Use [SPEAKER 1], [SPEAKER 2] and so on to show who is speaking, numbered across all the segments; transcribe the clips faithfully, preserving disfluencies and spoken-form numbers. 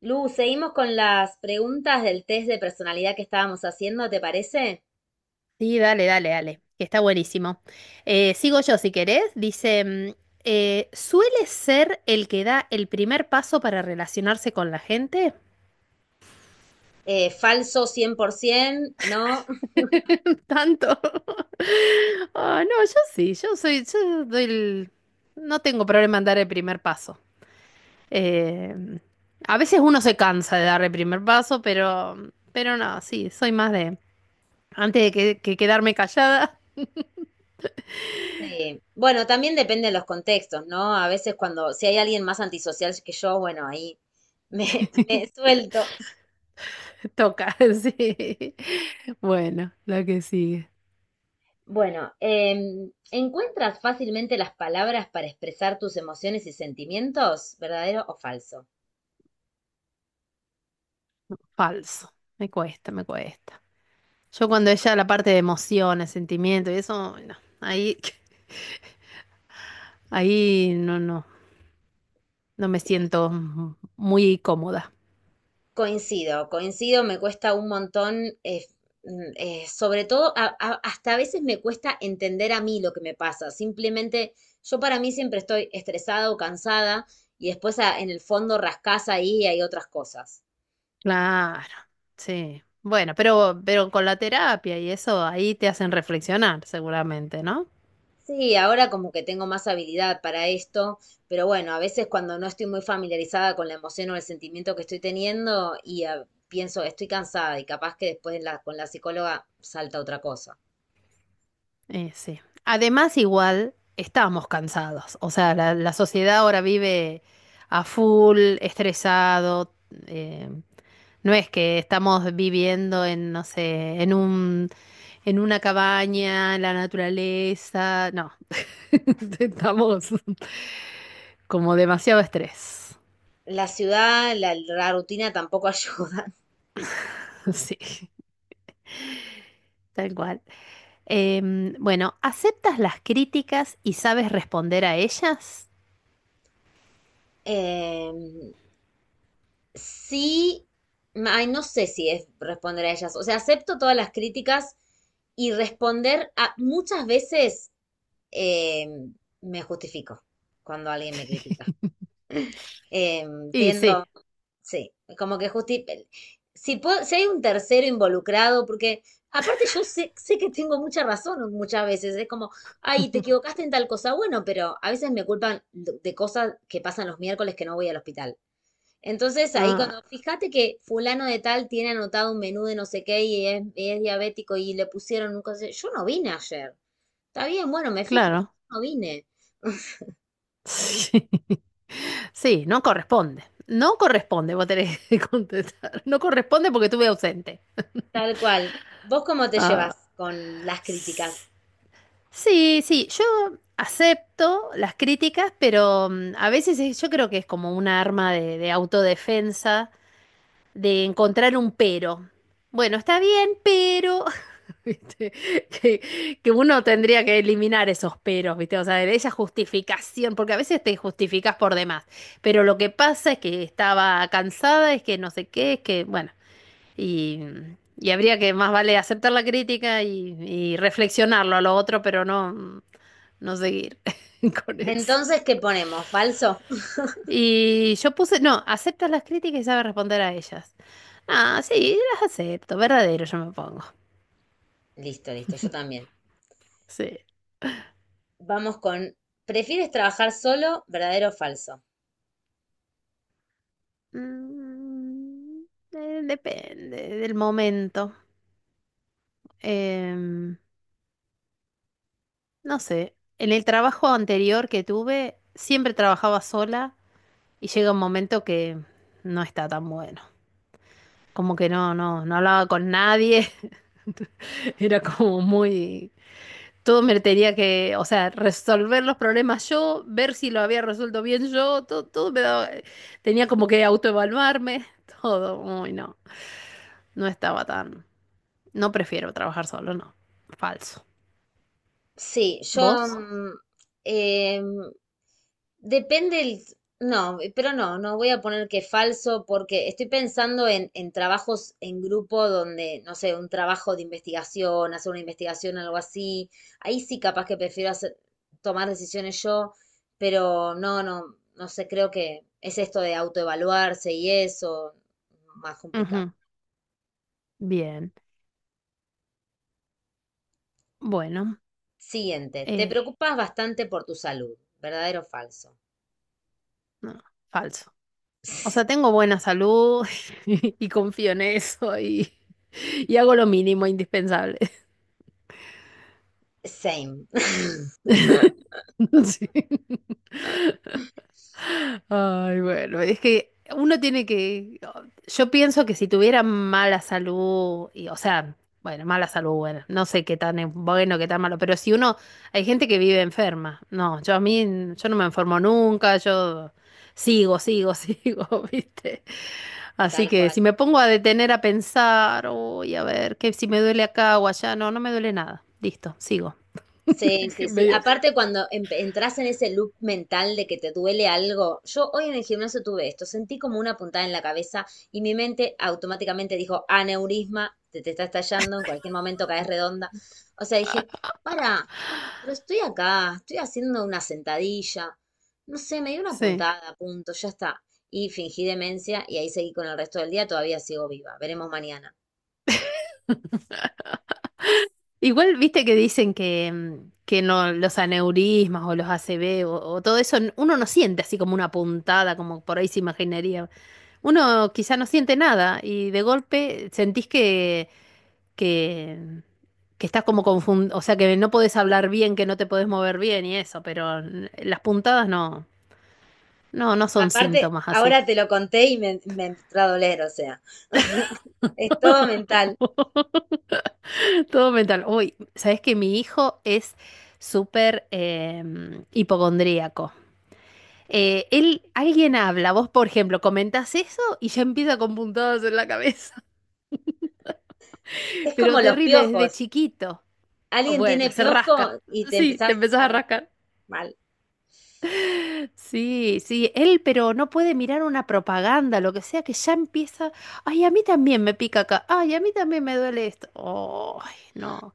[SPEAKER 1] Lu, seguimos con las preguntas del test de personalidad que estábamos haciendo, ¿te parece?
[SPEAKER 2] Sí, dale, dale, dale, que está buenísimo. Eh, sigo yo si querés. Dice, mm, eh, ¿suele ser el que da el primer paso para relacionarse con la gente?
[SPEAKER 1] Eh, falso cien por ciento, ¿no?
[SPEAKER 2] Tanto. Ah, no, yo sí, yo soy, yo doy el- no tengo problema en dar el primer paso. Eh, a veces uno se cansa de dar el primer paso, pero, pero no, sí, soy más de, antes de que que quedarme callada,
[SPEAKER 1] Sí. Bueno, también depende de los contextos, ¿no? A veces cuando, si hay alguien más antisocial que yo, bueno, ahí me, me suelto.
[SPEAKER 2] toca, sí. Bueno, la que sigue.
[SPEAKER 1] Bueno, em, ¿encuentras fácilmente las palabras para expresar tus emociones y sentimientos? ¿Verdadero o falso?
[SPEAKER 2] Falso. Me cuesta, me cuesta. Yo cuando ella la parte de emociones, sentimientos y eso, no, ahí, ahí no, no, no me
[SPEAKER 1] Sí,
[SPEAKER 2] siento m- muy cómoda.
[SPEAKER 1] coincido, coincido, me cuesta un montón, eh, mm, eh, sobre todo, a- a- hasta a veces me cuesta entender a mí lo que me pasa. Simplemente, yo para mí siempre estoy estresada o cansada y después a- en el fondo rascás ahí y hay otras cosas.
[SPEAKER 2] Claro, sí. Bueno, pero, pero con la terapia y eso, ahí te hacen reflexionar seguramente, ¿no?
[SPEAKER 1] Sí, ahora como que tengo más habilidad para esto, pero bueno, a veces cuando no estoy muy familiarizada con la emoción o el sentimiento que estoy teniendo y ah, pienso, estoy cansada y capaz que después la- con la psicóloga salta otra cosa.
[SPEAKER 2] Eh, sí. Además, igual estábamos cansados. O sea, la, la sociedad ahora vive a full, estresado. eh, No es que estamos viviendo en, no sé, en un, en una cabaña, en la naturaleza. No, estamos como demasiado estrés.
[SPEAKER 1] La ciudad, la, la rutina tampoco ayuda.
[SPEAKER 2] Sí, tal cual. Em, bueno, ¿aceptas las críticas y sabes responder a ellas?
[SPEAKER 1] Eh, sí, ay, no sé si es responder a ellas. O sea, acepto todas las críticas y responder a muchas veces eh, me justifico cuando alguien me critica. Eh,
[SPEAKER 2] Y sí.
[SPEAKER 1] tiendo, Sí, como que justi... Si, puedo- si hay un tercero involucrado, porque aparte yo sé, sé que tengo mucha razón muchas veces, es como, ay, te equivocaste en tal cosa, bueno, pero a veces me culpan de de cosas que pasan los miércoles que no voy al hospital. Entonces ahí
[SPEAKER 2] Ah,
[SPEAKER 1] cuando, fíjate que fulano de tal tiene anotado un menú de no sé qué y es, y es diabético y le pusieron un cosa, yo no vine ayer, está bien, bueno, me fijo, pero
[SPEAKER 2] claro.
[SPEAKER 1] yo no vine,
[SPEAKER 2] Sí. Sí, no corresponde. No corresponde, vos tenés que contestar. No corresponde porque estuve ausente.
[SPEAKER 1] tal cual. ¿Vos cómo te
[SPEAKER 2] Ah,
[SPEAKER 1] llevas con las críticas?
[SPEAKER 2] sí, sí, yo acepto las críticas, pero mm, a veces es- yo creo que es como una arma de, de autodefensa, de encontrar un pero. Bueno, está bien, pero... ¿Viste? Que, que uno tendría que eliminar esos peros, ¿viste? O sea, de esa justificación, porque a veces te justificas por demás, pero lo que pasa es que estaba cansada, es que no sé qué, es que, bueno. Y, y habría que más vale aceptar la crítica y, y reflexionarlo a lo otro, pero no, no seguir con eso.
[SPEAKER 1] Entonces, ¿qué ponemos? ¿Falso?
[SPEAKER 2] Y yo puse, no, aceptas las críticas y sabes responder a ellas. Ah, sí, las acepto, verdadero yo me pongo.
[SPEAKER 1] Listo, listo, yo también.
[SPEAKER 2] Sí.
[SPEAKER 1] Vamos con, ¿prefieres trabajar solo, verdadero o falso?
[SPEAKER 2] Mm, eh, depende del momento. Em, no sé, en el trabajo anterior que tuve, siempre trabajaba sola y llega un momento que no está tan bueno. Como que no, no, no hablaba con nadie, era como muy... Todo me tenía que, o sea, resolver los problemas yo, ver si lo había resuelto bien yo, todo, todo me daba- tenía como que autoevaluarme, todo, uy, no, no estaba tan, no prefiero trabajar solo, no, falso.
[SPEAKER 1] Sí, yo...
[SPEAKER 2] ¿Vos?
[SPEAKER 1] mm, em, depende el... No, pero no, no voy a poner que falso porque estoy pensando en, en trabajos en grupo donde, no sé, un trabajo de investigación, hacer una investigación, algo así. Ahí sí capaz que prefiero hacer- tomar decisiones yo, pero no, no, no sé, creo que es esto de autoevaluarse y eso, más complicado.
[SPEAKER 2] Ujú, bien, bueno,
[SPEAKER 1] Siguiente. Te
[SPEAKER 2] eh,
[SPEAKER 1] preocupas bastante por tu salud. ¿Verdadero o falso?
[SPEAKER 2] no, falso. O sea, tengo buena salud y confío en eso y, y hago lo mínimo indispensable.
[SPEAKER 1] Same.
[SPEAKER 2] Sí. Ay, bueno, es que uno tiene que, oh, yo pienso que si tuviera mala salud, y, o sea, bueno, mala salud, bueno, no sé qué tan es bueno, qué tan malo, pero si uno, hay gente que vive enferma, no, yo a mí, yo no me enfermo nunca, yo sigo, sigo, sigo, ¿viste? Así
[SPEAKER 1] Tal
[SPEAKER 2] que si
[SPEAKER 1] cual.
[SPEAKER 2] me pongo a detener a pensar, uy, a ver, que si me duele acá o allá, no, no me duele nada, listo, sigo.
[SPEAKER 1] Sí, sí, sí.
[SPEAKER 2] Medios.
[SPEAKER 1] Aparte, cuando em- entras en ese loop mental de que te duele algo, yo hoy en el gimnasio tuve esto, sentí como una puntada en la cabeza y mi mente automáticamente dijo, aneurisma, te, te está estallando, en cualquier momento caes redonda. O sea, dije, para, pero estoy acá, estoy haciendo una sentadilla, no sé, me dio una
[SPEAKER 2] Sí.
[SPEAKER 1] puntada, punto, ya está. Y fingí demencia y ahí seguí con el resto del día, todavía sigo viva, veremos mañana.
[SPEAKER 2] Igual viste que dicen que, mm, que no, los aneurismas o los A C V o, o todo eso, n- uno no siente así como una puntada, como por ahí se imaginaría. Uno quizá no siente nada y de golpe sentís que, que, mm, que estás como confundido, o sea, que no podés hablar bien, que no te podés mover bien y eso, pero n- las puntadas no, no, no son
[SPEAKER 1] Aparte,
[SPEAKER 2] síntomas así.
[SPEAKER 1] ahora te lo conté y me, me entró a doler, o sea. Es todo mental.
[SPEAKER 2] Todo mental. Uy, sabés que mi hijo es súper eh, hipocondríaco. Eh, él, alguien habla, vos por ejemplo comentás eso y ya empieza con puntadas en la cabeza,
[SPEAKER 1] Es como
[SPEAKER 2] pero
[SPEAKER 1] los
[SPEAKER 2] terrible desde
[SPEAKER 1] piojos.
[SPEAKER 2] chiquito. O
[SPEAKER 1] Alguien tiene
[SPEAKER 2] bueno, se rasca.
[SPEAKER 1] piojo y te
[SPEAKER 2] Sí, te
[SPEAKER 1] empezás
[SPEAKER 2] empezás
[SPEAKER 1] a
[SPEAKER 2] a
[SPEAKER 1] rascar
[SPEAKER 2] rascar.
[SPEAKER 1] mal.
[SPEAKER 2] Sí, sí, él pero no puede mirar una propaganda, lo que sea, que ya empieza, ay, a mí también me pica acá, ay, a mí también me duele esto. Ay, no.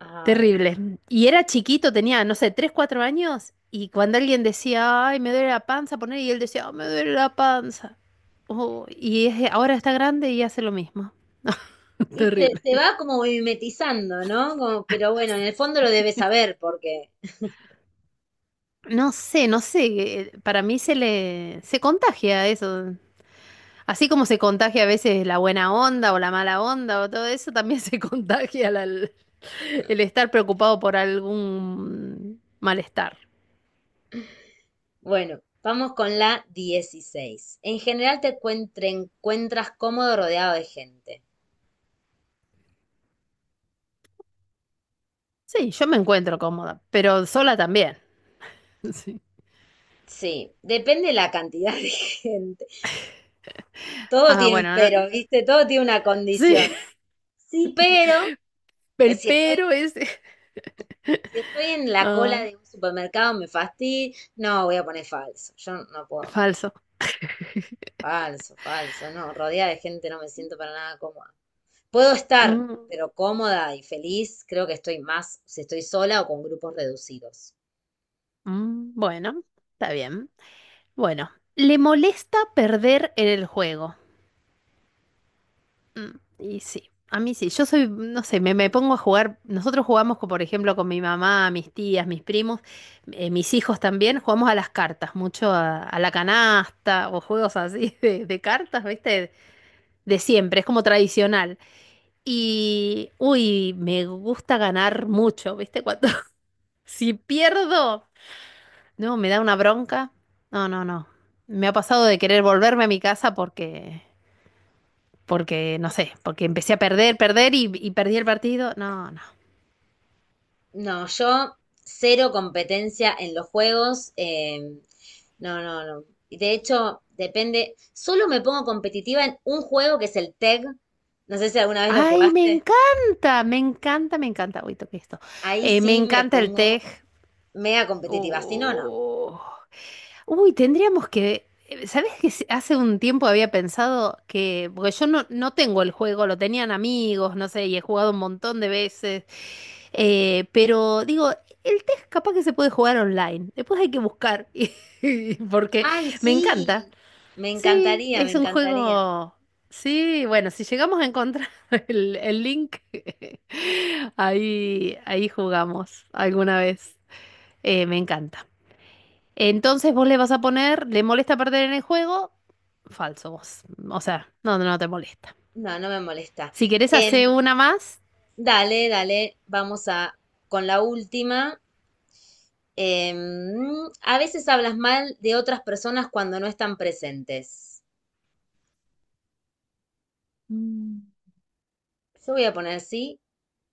[SPEAKER 1] Ay.
[SPEAKER 2] Terrible. Y era chiquito, tenía, no sé, tres cuatro años, y cuando alguien decía, ay, me duele la panza, poner, y él decía, "Ah, me duele la panza. Oh, y es- ahora está grande y hace lo mismo.
[SPEAKER 1] Y se,
[SPEAKER 2] Terrible.
[SPEAKER 1] se va como mimetizando, ¿no? Como- pero bueno, en el fondo lo debes saber porque,
[SPEAKER 2] No sé, no sé, eh, para mí se le, se contagia eso. Así como se contagia a veces la buena onda o la mala onda o todo eso, también se contagia la- el estar preocupado por algún malestar.
[SPEAKER 1] bueno, vamos con la dieciséis. En general te encuent- te encuentras cómodo rodeado de gente.
[SPEAKER 2] Sí, yo me encuentro cómoda, pero sola también. Sí.
[SPEAKER 1] Sí, depende la cantidad de gente. Todo
[SPEAKER 2] Ah,
[SPEAKER 1] tiene un
[SPEAKER 2] bueno, no-
[SPEAKER 1] pero, ¿viste? Todo tiene una
[SPEAKER 2] sí,
[SPEAKER 1] condición. Sí, pero eh,
[SPEAKER 2] el
[SPEAKER 1] si estoy
[SPEAKER 2] pero es
[SPEAKER 1] si estoy en la cola
[SPEAKER 2] ay,
[SPEAKER 1] de un supermercado, me fastidio. No, voy a poner falso. Yo no puedo.
[SPEAKER 2] falso.
[SPEAKER 1] Falso, falso. No, rodeada de gente no me siento para nada cómoda. Puedo estar,
[SPEAKER 2] Mm,
[SPEAKER 1] pero cómoda y feliz, creo que estoy más si estoy sola o con grupos reducidos.
[SPEAKER 2] mm, bueno, está bien. Bueno, le molesta perder en el juego. Mm, y sí, a mí sí, yo soy, no sé, me, me pongo a jugar, nosotros jugamos, con, por ejemplo, con mi mamá, mis tías, mis primos, eh, mis hijos también, jugamos a las cartas, mucho a, a la canasta o juegos así de, de cartas, ¿viste? De siempre, es como tradicional. Y, uy, me gusta ganar mucho, ¿viste? Cuando, si pierdo, no, me da una bronca. No, no, no. Me ha pasado de querer volverme a mi casa porque, porque, no sé, porque empecé a perder, perder y, y perdí el partido. No, no.
[SPEAKER 1] No, yo cero competencia en los juegos. Em, no, no, no. Y de hecho, depende. Solo me pongo competitiva en un juego que es el tag. No sé si alguna vez lo
[SPEAKER 2] Ay, me
[SPEAKER 1] jugaste.
[SPEAKER 2] encanta, me encanta, me encanta. Uy, toqué esto.
[SPEAKER 1] Ahí
[SPEAKER 2] Eh, me
[SPEAKER 1] sí me
[SPEAKER 2] encanta el
[SPEAKER 1] pongo
[SPEAKER 2] tej.
[SPEAKER 1] mega competitiva, si no, no.
[SPEAKER 2] Oh. Uy, tendríamos que... eh, ¿Sabes que se- hace un tiempo había pensado que... Porque yo no, no tengo el juego, lo tenían amigos, no sé, y he jugado un montón de veces. Eh, pero digo, el test capaz que se puede jugar online. Después hay que buscar. y- y- Porque
[SPEAKER 1] ¡Ay,
[SPEAKER 2] me encanta.
[SPEAKER 1] sí! Me
[SPEAKER 2] Sí,
[SPEAKER 1] encantaría, me
[SPEAKER 2] es un
[SPEAKER 1] encantaría.
[SPEAKER 2] juego. Sí, bueno, si llegamos a encontrar el, el link, ahí, ahí jugamos alguna vez. Eh, me encanta. Entonces vos le vas a poner, ¿le molesta perder en el juego? Falso vos. O sea, no, no te molesta.
[SPEAKER 1] No, no me molesta.
[SPEAKER 2] Si querés
[SPEAKER 1] Em,
[SPEAKER 2] hacer una más.
[SPEAKER 1] Dale, dale, vamos a con la última. Em, a veces hablas mal de otras personas cuando no están presentes.
[SPEAKER 2] Mm.
[SPEAKER 1] Yo voy a poner sí,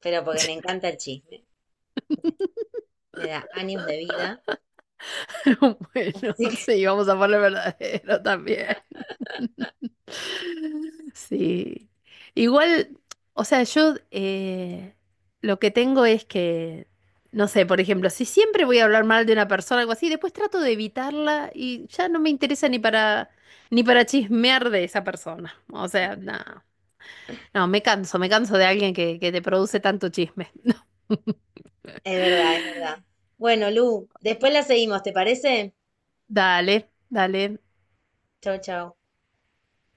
[SPEAKER 1] pero porque me encanta el chisme. Me da años de vida.
[SPEAKER 2] Bueno,
[SPEAKER 1] Así que
[SPEAKER 2] sí, vamos a poner verdadero también. Sí. Igual, o sea, yo eh, lo que tengo es que, no sé, por ejemplo, si siempre voy a hablar mal de una persona o algo así, después trato de evitarla y ya no me interesa ni para ni para chismear de esa persona. O sea, no. No, me canso, me canso de alguien que, que te produce tanto chisme.
[SPEAKER 1] es verdad, es verdad. Bueno, Lu, después la seguimos, ¿te parece?
[SPEAKER 2] Dale, dale.
[SPEAKER 1] Chau, chau.